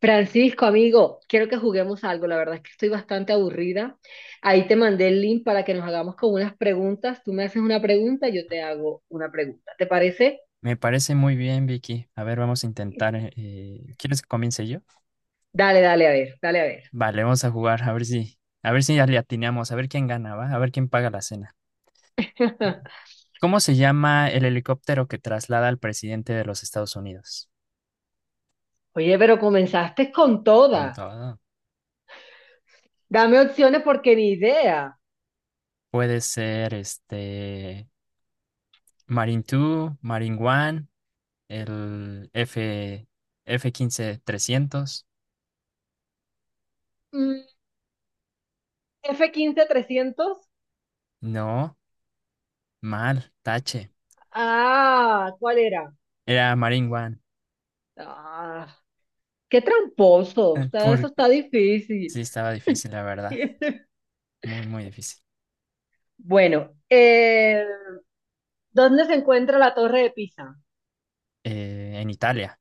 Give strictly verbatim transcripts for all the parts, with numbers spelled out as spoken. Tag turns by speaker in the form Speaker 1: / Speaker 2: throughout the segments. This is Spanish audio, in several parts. Speaker 1: Francisco, amigo, quiero que juguemos algo. La verdad es que estoy bastante aburrida. Ahí te mandé el link para que nos hagamos con unas preguntas. Tú me haces una pregunta, yo te hago una pregunta. ¿Te parece?
Speaker 2: Me parece muy bien, Vicky. A ver, vamos a intentar. eh, eh, ¿quieres que comience yo?
Speaker 1: Dale, dale, a ver, dale, a ver.
Speaker 2: Vale, vamos a jugar, a ver si, a ver si ya le atinamos, a ver quién gana, ¿va? A ver quién paga la cena. ¿Cómo se llama el helicóptero que traslada al presidente de los Estados Unidos?
Speaker 1: Oye, pero comenzaste con toda.
Speaker 2: Con todo.
Speaker 1: Dame opciones porque ni idea.
Speaker 2: Puede ser este Marine dos, Marine uno, el F, f quince trescientos.
Speaker 1: Mm, F quince trescientos.
Speaker 2: No, mal, tache.
Speaker 1: Ah, ¿cuál era?
Speaker 2: Era Marine One.
Speaker 1: Ah, qué tramposo.
Speaker 2: Eh,
Speaker 1: Está- eso
Speaker 2: Porque
Speaker 1: está
Speaker 2: sí
Speaker 1: difícil.
Speaker 2: estaba difícil, la verdad. Muy, muy difícil.
Speaker 1: Bueno, eh, ¿dónde se encuentra la Torre de Pisa?
Speaker 2: Eh, en Italia,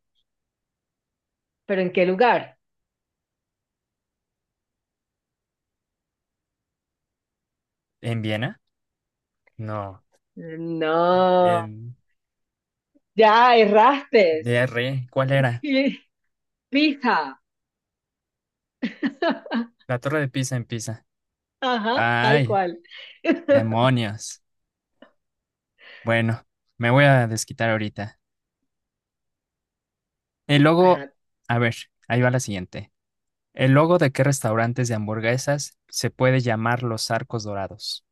Speaker 1: ¿Pero en qué lugar?
Speaker 2: en Viena, no,
Speaker 1: No,
Speaker 2: en
Speaker 1: ya erraste.
Speaker 2: D R, ¿cuál era?
Speaker 1: Pisa.
Speaker 2: La Torre de Pisa en Pisa.
Speaker 1: Ajá, tal
Speaker 2: Ay,
Speaker 1: cual.
Speaker 2: demonios. Bueno, me voy a desquitar ahorita. El logo,
Speaker 1: Ajá.
Speaker 2: a ver, ahí va la siguiente. ¿El logo de qué restaurantes de hamburguesas se puede llamar los arcos dorados?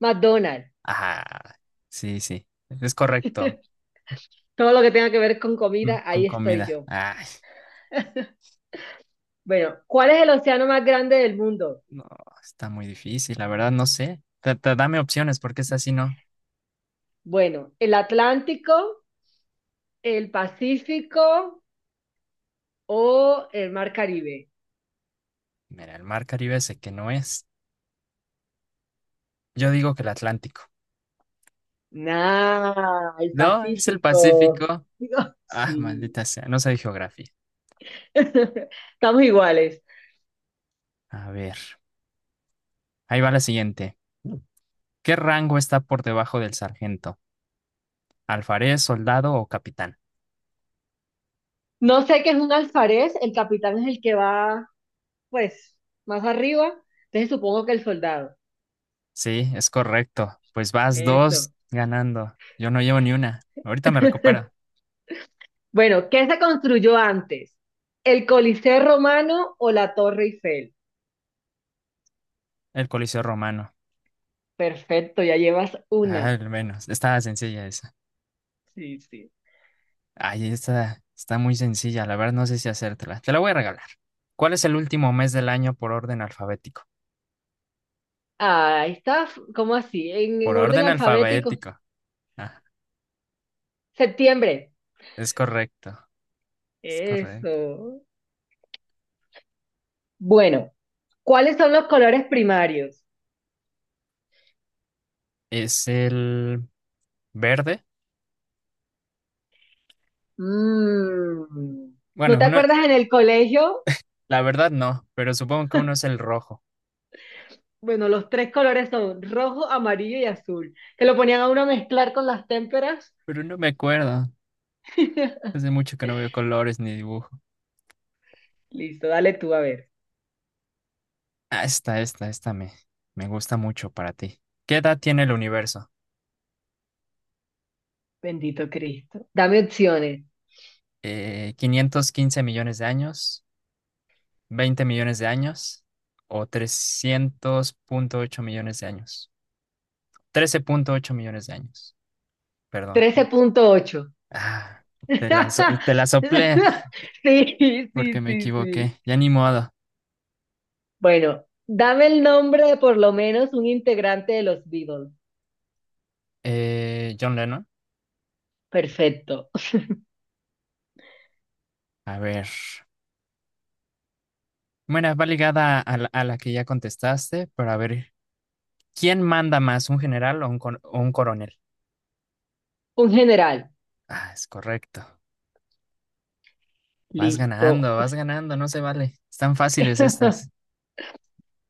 Speaker 1: McDonald's.
Speaker 2: Ah, sí, sí, es correcto.
Speaker 1: Todo lo que tenga que ver con
Speaker 2: Mm,
Speaker 1: comida,
Speaker 2: con
Speaker 1: ahí estoy
Speaker 2: comida.
Speaker 1: yo.
Speaker 2: Ay,
Speaker 1: Bueno, ¿cuál es el océano más grande del mundo?
Speaker 2: no, está muy difícil, la verdad no sé. Ta- ta- Dame opciones porque es así, ¿no?
Speaker 1: Bueno, ¿el Atlántico, el Pacífico o el Mar Caribe?
Speaker 2: Mira, el mar Caribe sé que no es. Yo digo que el Atlántico.
Speaker 1: Nah, el
Speaker 2: No, es el
Speaker 1: Pacífico.
Speaker 2: Pacífico.
Speaker 1: Digo,
Speaker 2: Ah,
Speaker 1: sí.
Speaker 2: maldita sea, no sé geografía.
Speaker 1: Estamos iguales.
Speaker 2: A ver, ahí va la siguiente. ¿Qué rango está por debajo del sargento? ¿Alfarés, soldado o capitán?
Speaker 1: No sé qué es un alfarés, el capitán es el que va, pues, más arriba, entonces supongo que el soldado.
Speaker 2: Sí, es correcto. Pues vas
Speaker 1: Eso.
Speaker 2: dos ganando. Yo no llevo ni una. Ahorita me recupero.
Speaker 1: Bueno, ¿qué se construyó antes? ¿El Coliseo Romano o la Torre Eiffel?
Speaker 2: El Coliseo Romano.
Speaker 1: Perfecto, ya llevas
Speaker 2: Ah,
Speaker 1: una.
Speaker 2: al menos. Estaba sencilla esa.
Speaker 1: Sí, sí.
Speaker 2: Ay, está, está muy sencilla. La verdad no sé si hacértela. Te la voy a regalar. ¿Cuál es el último mes del año por orden alfabético?
Speaker 1: Ah, está, f- ¿cómo así? En,
Speaker 2: Por
Speaker 1: en orden
Speaker 2: orden
Speaker 1: alfabético.
Speaker 2: alfabético. Ah,
Speaker 1: Septiembre.
Speaker 2: es correcto, es correcto.
Speaker 1: Eso. Bueno, ¿cuáles son los colores primarios?
Speaker 2: Es el verde.
Speaker 1: Mm, ¿No
Speaker 2: Bueno,
Speaker 1: te
Speaker 2: uno, eh,
Speaker 1: acuerdas en el colegio?
Speaker 2: la verdad no, pero supongo que uno es el rojo.
Speaker 1: Bueno, los tres colores son rojo, amarillo y azul. Que lo ponían a uno a mezclar con las témperas.
Speaker 2: Pero no me acuerdo. Hace mucho que no veo colores ni dibujo.
Speaker 1: Listo, dale tú a ver.
Speaker 2: Ah, esta, esta, esta me, me gusta mucho para ti. ¿Qué edad tiene el universo?
Speaker 1: Bendito Cristo. Dame opciones.
Speaker 2: Eh, ¿quinientos quince millones de años? ¿Veinte millones de años? ¿O trescientos punto ocho millones de años? Trece punto ocho millones de años. Perdón.
Speaker 1: Trece punto ocho.
Speaker 2: Ah, te la, so- te la soplé.
Speaker 1: Sí, sí,
Speaker 2: Porque me
Speaker 1: sí, sí.
Speaker 2: equivoqué. Ya ni modo.
Speaker 1: Bueno, dame el nombre de por lo menos un integrante de los Beatles.
Speaker 2: Eh, John Lennon.
Speaker 1: Perfecto.
Speaker 2: A ver. Bueno, va ligada a la, a la que ya contestaste, pero a ver, ¿quién manda más, un general o un, cor- o un coronel?
Speaker 1: Un general.
Speaker 2: Ah, es correcto. Vas
Speaker 1: Listo.
Speaker 2: ganando, vas ganando, no se vale. Están fáciles estas.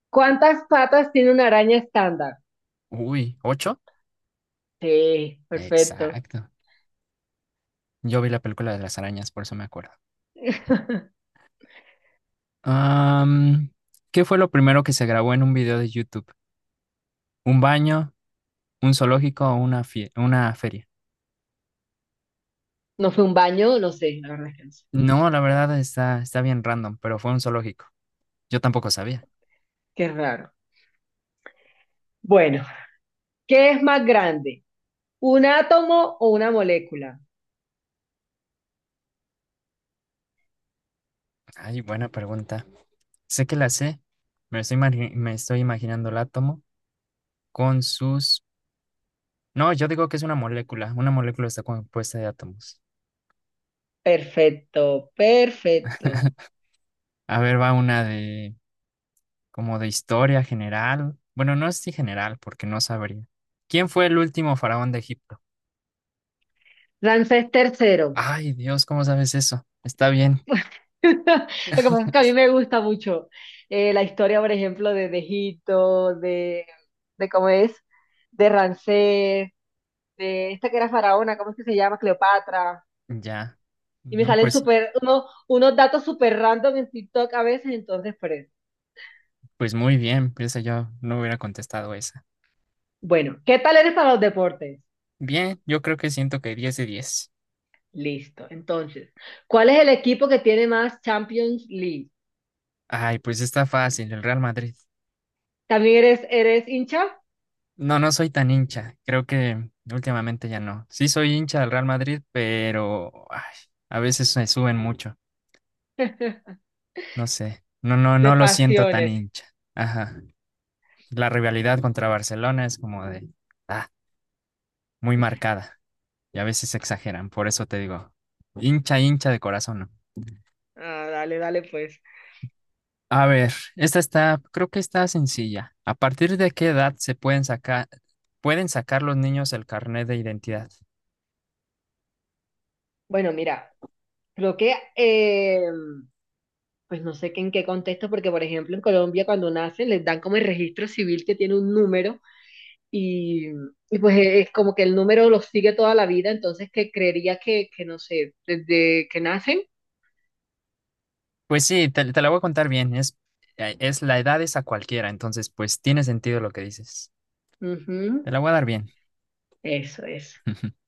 Speaker 1: ¿Cuántas patas tiene una araña estándar?
Speaker 2: Uy, ¿ocho?
Speaker 1: Sí, perfecto.
Speaker 2: Exacto. Yo vi la película de las arañas, por eso me acuerdo. Am, ¿qué fue lo primero que se grabó en un video de YouTube? ¿Un baño, un zoológico o una, fie- una feria?
Speaker 1: ¿No fue un baño? No sé, la verdad es que no sé.
Speaker 2: No, la verdad está, está bien random, pero fue un zoológico. Yo tampoco sabía.
Speaker 1: Qué raro. Bueno, ¿qué es más grande? ¿Un átomo o una molécula?
Speaker 2: Ay, buena pregunta. Sé que la sé. Me estoy, imagi- me estoy imaginando el átomo con sus. No, yo digo que es una molécula. Una molécula está compuesta de átomos.
Speaker 1: Perfecto, perfecto.
Speaker 2: A ver, va una de, como de historia general. Bueno, no es de general, porque no sabría. ¿Quién fue el último faraón de Egipto?
Speaker 1: Ramsés tercero.
Speaker 2: Ay, Dios, ¿cómo sabes eso? Está bien.
Speaker 1: Lo que pasa es que a mí me gusta mucho eh, la historia, por ejemplo, de, de Egipto, de, de cómo es, de Ramsés, de esta que era faraona, ¿cómo es que se llama? Cleopatra.
Speaker 2: Ya.
Speaker 1: Y me
Speaker 2: No,
Speaker 1: salen
Speaker 2: pues,
Speaker 1: súper, uno, unos datos súper random en TikTok a veces, entonces por eso.
Speaker 2: pues muy bien. Piensa yo, no hubiera contestado esa.
Speaker 1: Bueno, ¿qué tal eres para los deportes?
Speaker 2: Bien, yo creo que siento que diez de diez.
Speaker 1: Listo. Entonces, ¿cuál es el equipo que tiene más Champions League?
Speaker 2: Ay, pues está fácil, el Real Madrid.
Speaker 1: ¿También eres, eres hincha?
Speaker 2: No, no soy tan hincha, creo que últimamente ya no. Sí soy hincha del Real Madrid, pero ay, a veces me suben mucho, no sé. No, no,
Speaker 1: De
Speaker 2: no lo siento tan
Speaker 1: pasiones.
Speaker 2: hincha. Ajá. La rivalidad contra Barcelona es como de, ah, muy marcada y a veces exageran, por eso te digo, hincha, hincha de corazón, ¿no?
Speaker 1: Ah, dale, dale, pues.
Speaker 2: A ver, esta está, creo que está sencilla. ¿A partir de qué edad se pueden sacar, pueden sacar los niños el carnet de identidad?
Speaker 1: Bueno, mira, creo que, eh, pues no sé que en qué contexto, porque por ejemplo en Colombia cuando nacen les dan como el registro civil que tiene un número. Y, y pues e, es como que el número los sigue toda la vida, entonces que creería que, que no sé, desde que nacen.
Speaker 2: Pues sí, te, te la voy a contar bien. Es, eh, es la edad es a cualquiera, entonces pues tiene sentido lo que dices. Te
Speaker 1: Ujú.
Speaker 2: la voy a dar bien.
Speaker 1: Eso es.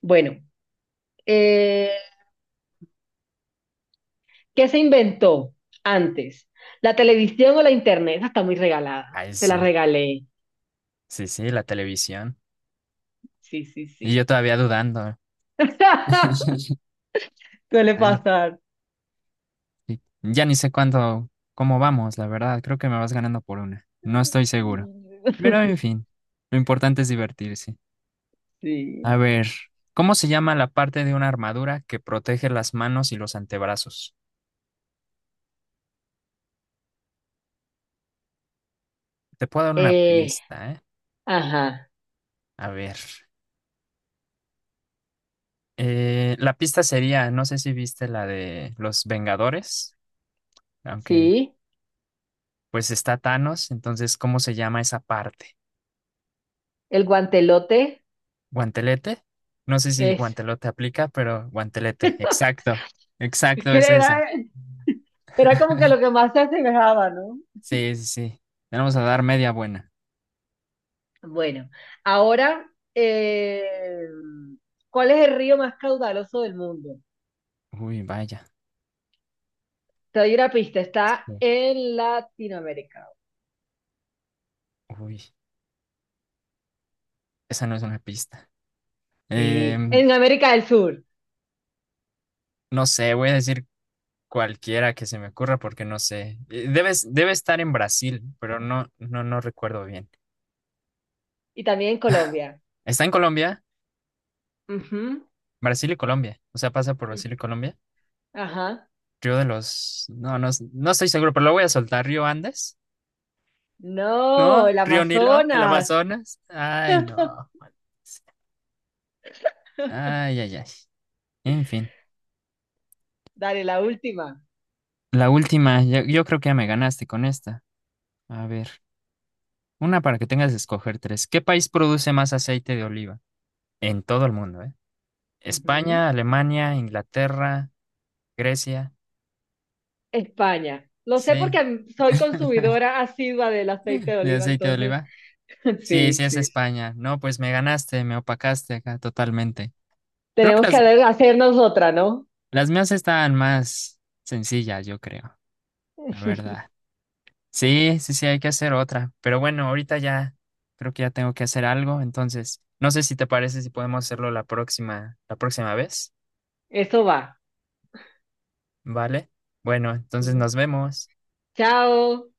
Speaker 1: Bueno, eh, ¿qué se inventó antes? ¿La televisión o la internet? Esa está muy regalada.
Speaker 2: Ay,
Speaker 1: Te la
Speaker 2: sí,
Speaker 1: regalé.
Speaker 2: sí, sí, la televisión.
Speaker 1: Sí, sí,
Speaker 2: Y
Speaker 1: sí.
Speaker 2: yo todavía dudando.
Speaker 1: Suele
Speaker 2: Ay,
Speaker 1: pasar.
Speaker 2: sí. Ya ni sé cuándo, cómo vamos, la verdad. Creo que me vas ganando por una. No estoy seguro. Pero en fin, lo importante es divertirse. A
Speaker 1: Sí.
Speaker 2: ver, ¿cómo se llama la parte de una armadura que protege las manos y los antebrazos? Te puedo dar una
Speaker 1: Eh,
Speaker 2: pista, ¿eh?
Speaker 1: ajá.
Speaker 2: A ver, eh, la pista sería, no sé si viste la de los Vengadores, aunque
Speaker 1: Sí.
Speaker 2: pues está Thanos, entonces, ¿cómo se llama esa parte?
Speaker 1: El guantelote
Speaker 2: ¿Guantelete? No sé si
Speaker 1: es.
Speaker 2: guantelote aplica, pero guantelete, exacto, exacto,
Speaker 1: ¿Qué
Speaker 2: es esa.
Speaker 1: era? Era como que lo que más se asemejaba, ¿no?
Speaker 2: Sí, sí, sí. Le vamos a dar media buena.
Speaker 1: Bueno, ahora, eh, ¿cuál es el río más caudaloso del mundo?
Speaker 2: Uy, vaya.
Speaker 1: Te doy una pista, está
Speaker 2: Sí,
Speaker 1: en Latinoamérica.
Speaker 2: uy, esa no es una pista.
Speaker 1: Sí,
Speaker 2: Em,
Speaker 1: en América del Sur
Speaker 2: No sé, voy a decir cualquiera que se me ocurra porque no sé. Eh, Debe, es- debe estar en Brasil, pero no, no, no recuerdo bien.
Speaker 1: y también en Colombia.
Speaker 2: ¿Está en Colombia?
Speaker 1: Ujú.
Speaker 2: Brasil y Colombia. O sea, pasa por
Speaker 1: Mm.
Speaker 2: Brasil y Colombia.
Speaker 1: Ajá.
Speaker 2: Río de los. No, no, no estoy seguro, pero lo voy a soltar. ¿Río Andes?
Speaker 1: No,
Speaker 2: ¿No?
Speaker 1: el
Speaker 2: ¿Río Nilo? ¿El
Speaker 1: Amazonas.
Speaker 2: Amazonas? Ay, no. Ay, ay, ay. En fin.
Speaker 1: Dale, la última.
Speaker 2: La última, yo, yo creo que ya me ganaste con esta. A ver, una para que tengas que escoger tres. ¿Qué país produce más aceite de oliva? En todo el mundo, ¿eh?
Speaker 1: Ujú.
Speaker 2: España, Alemania, Inglaterra, Grecia.
Speaker 1: España. Lo sé
Speaker 2: Sí,
Speaker 1: porque soy consumidora asidua del aceite de
Speaker 2: de
Speaker 1: oliva,
Speaker 2: aceite de
Speaker 1: entonces.
Speaker 2: oliva. Sí,
Speaker 1: Sí,
Speaker 2: sí es
Speaker 1: sí.
Speaker 2: España. No, pues me ganaste, me opacaste acá totalmente. Creo que
Speaker 1: Tenemos que
Speaker 2: las,
Speaker 1: hacernos otra, ¿no?
Speaker 2: las mías estaban más sencillas, yo creo, la verdad. Sí, sí, sí, hay que hacer otra. Pero bueno, ahorita ya creo que ya tengo que hacer algo, entonces no sé si te parece si podemos hacerlo la próxima, la próxima vez,
Speaker 1: Eso va.
Speaker 2: ¿vale? Bueno, entonces nos vemos.
Speaker 1: Chao.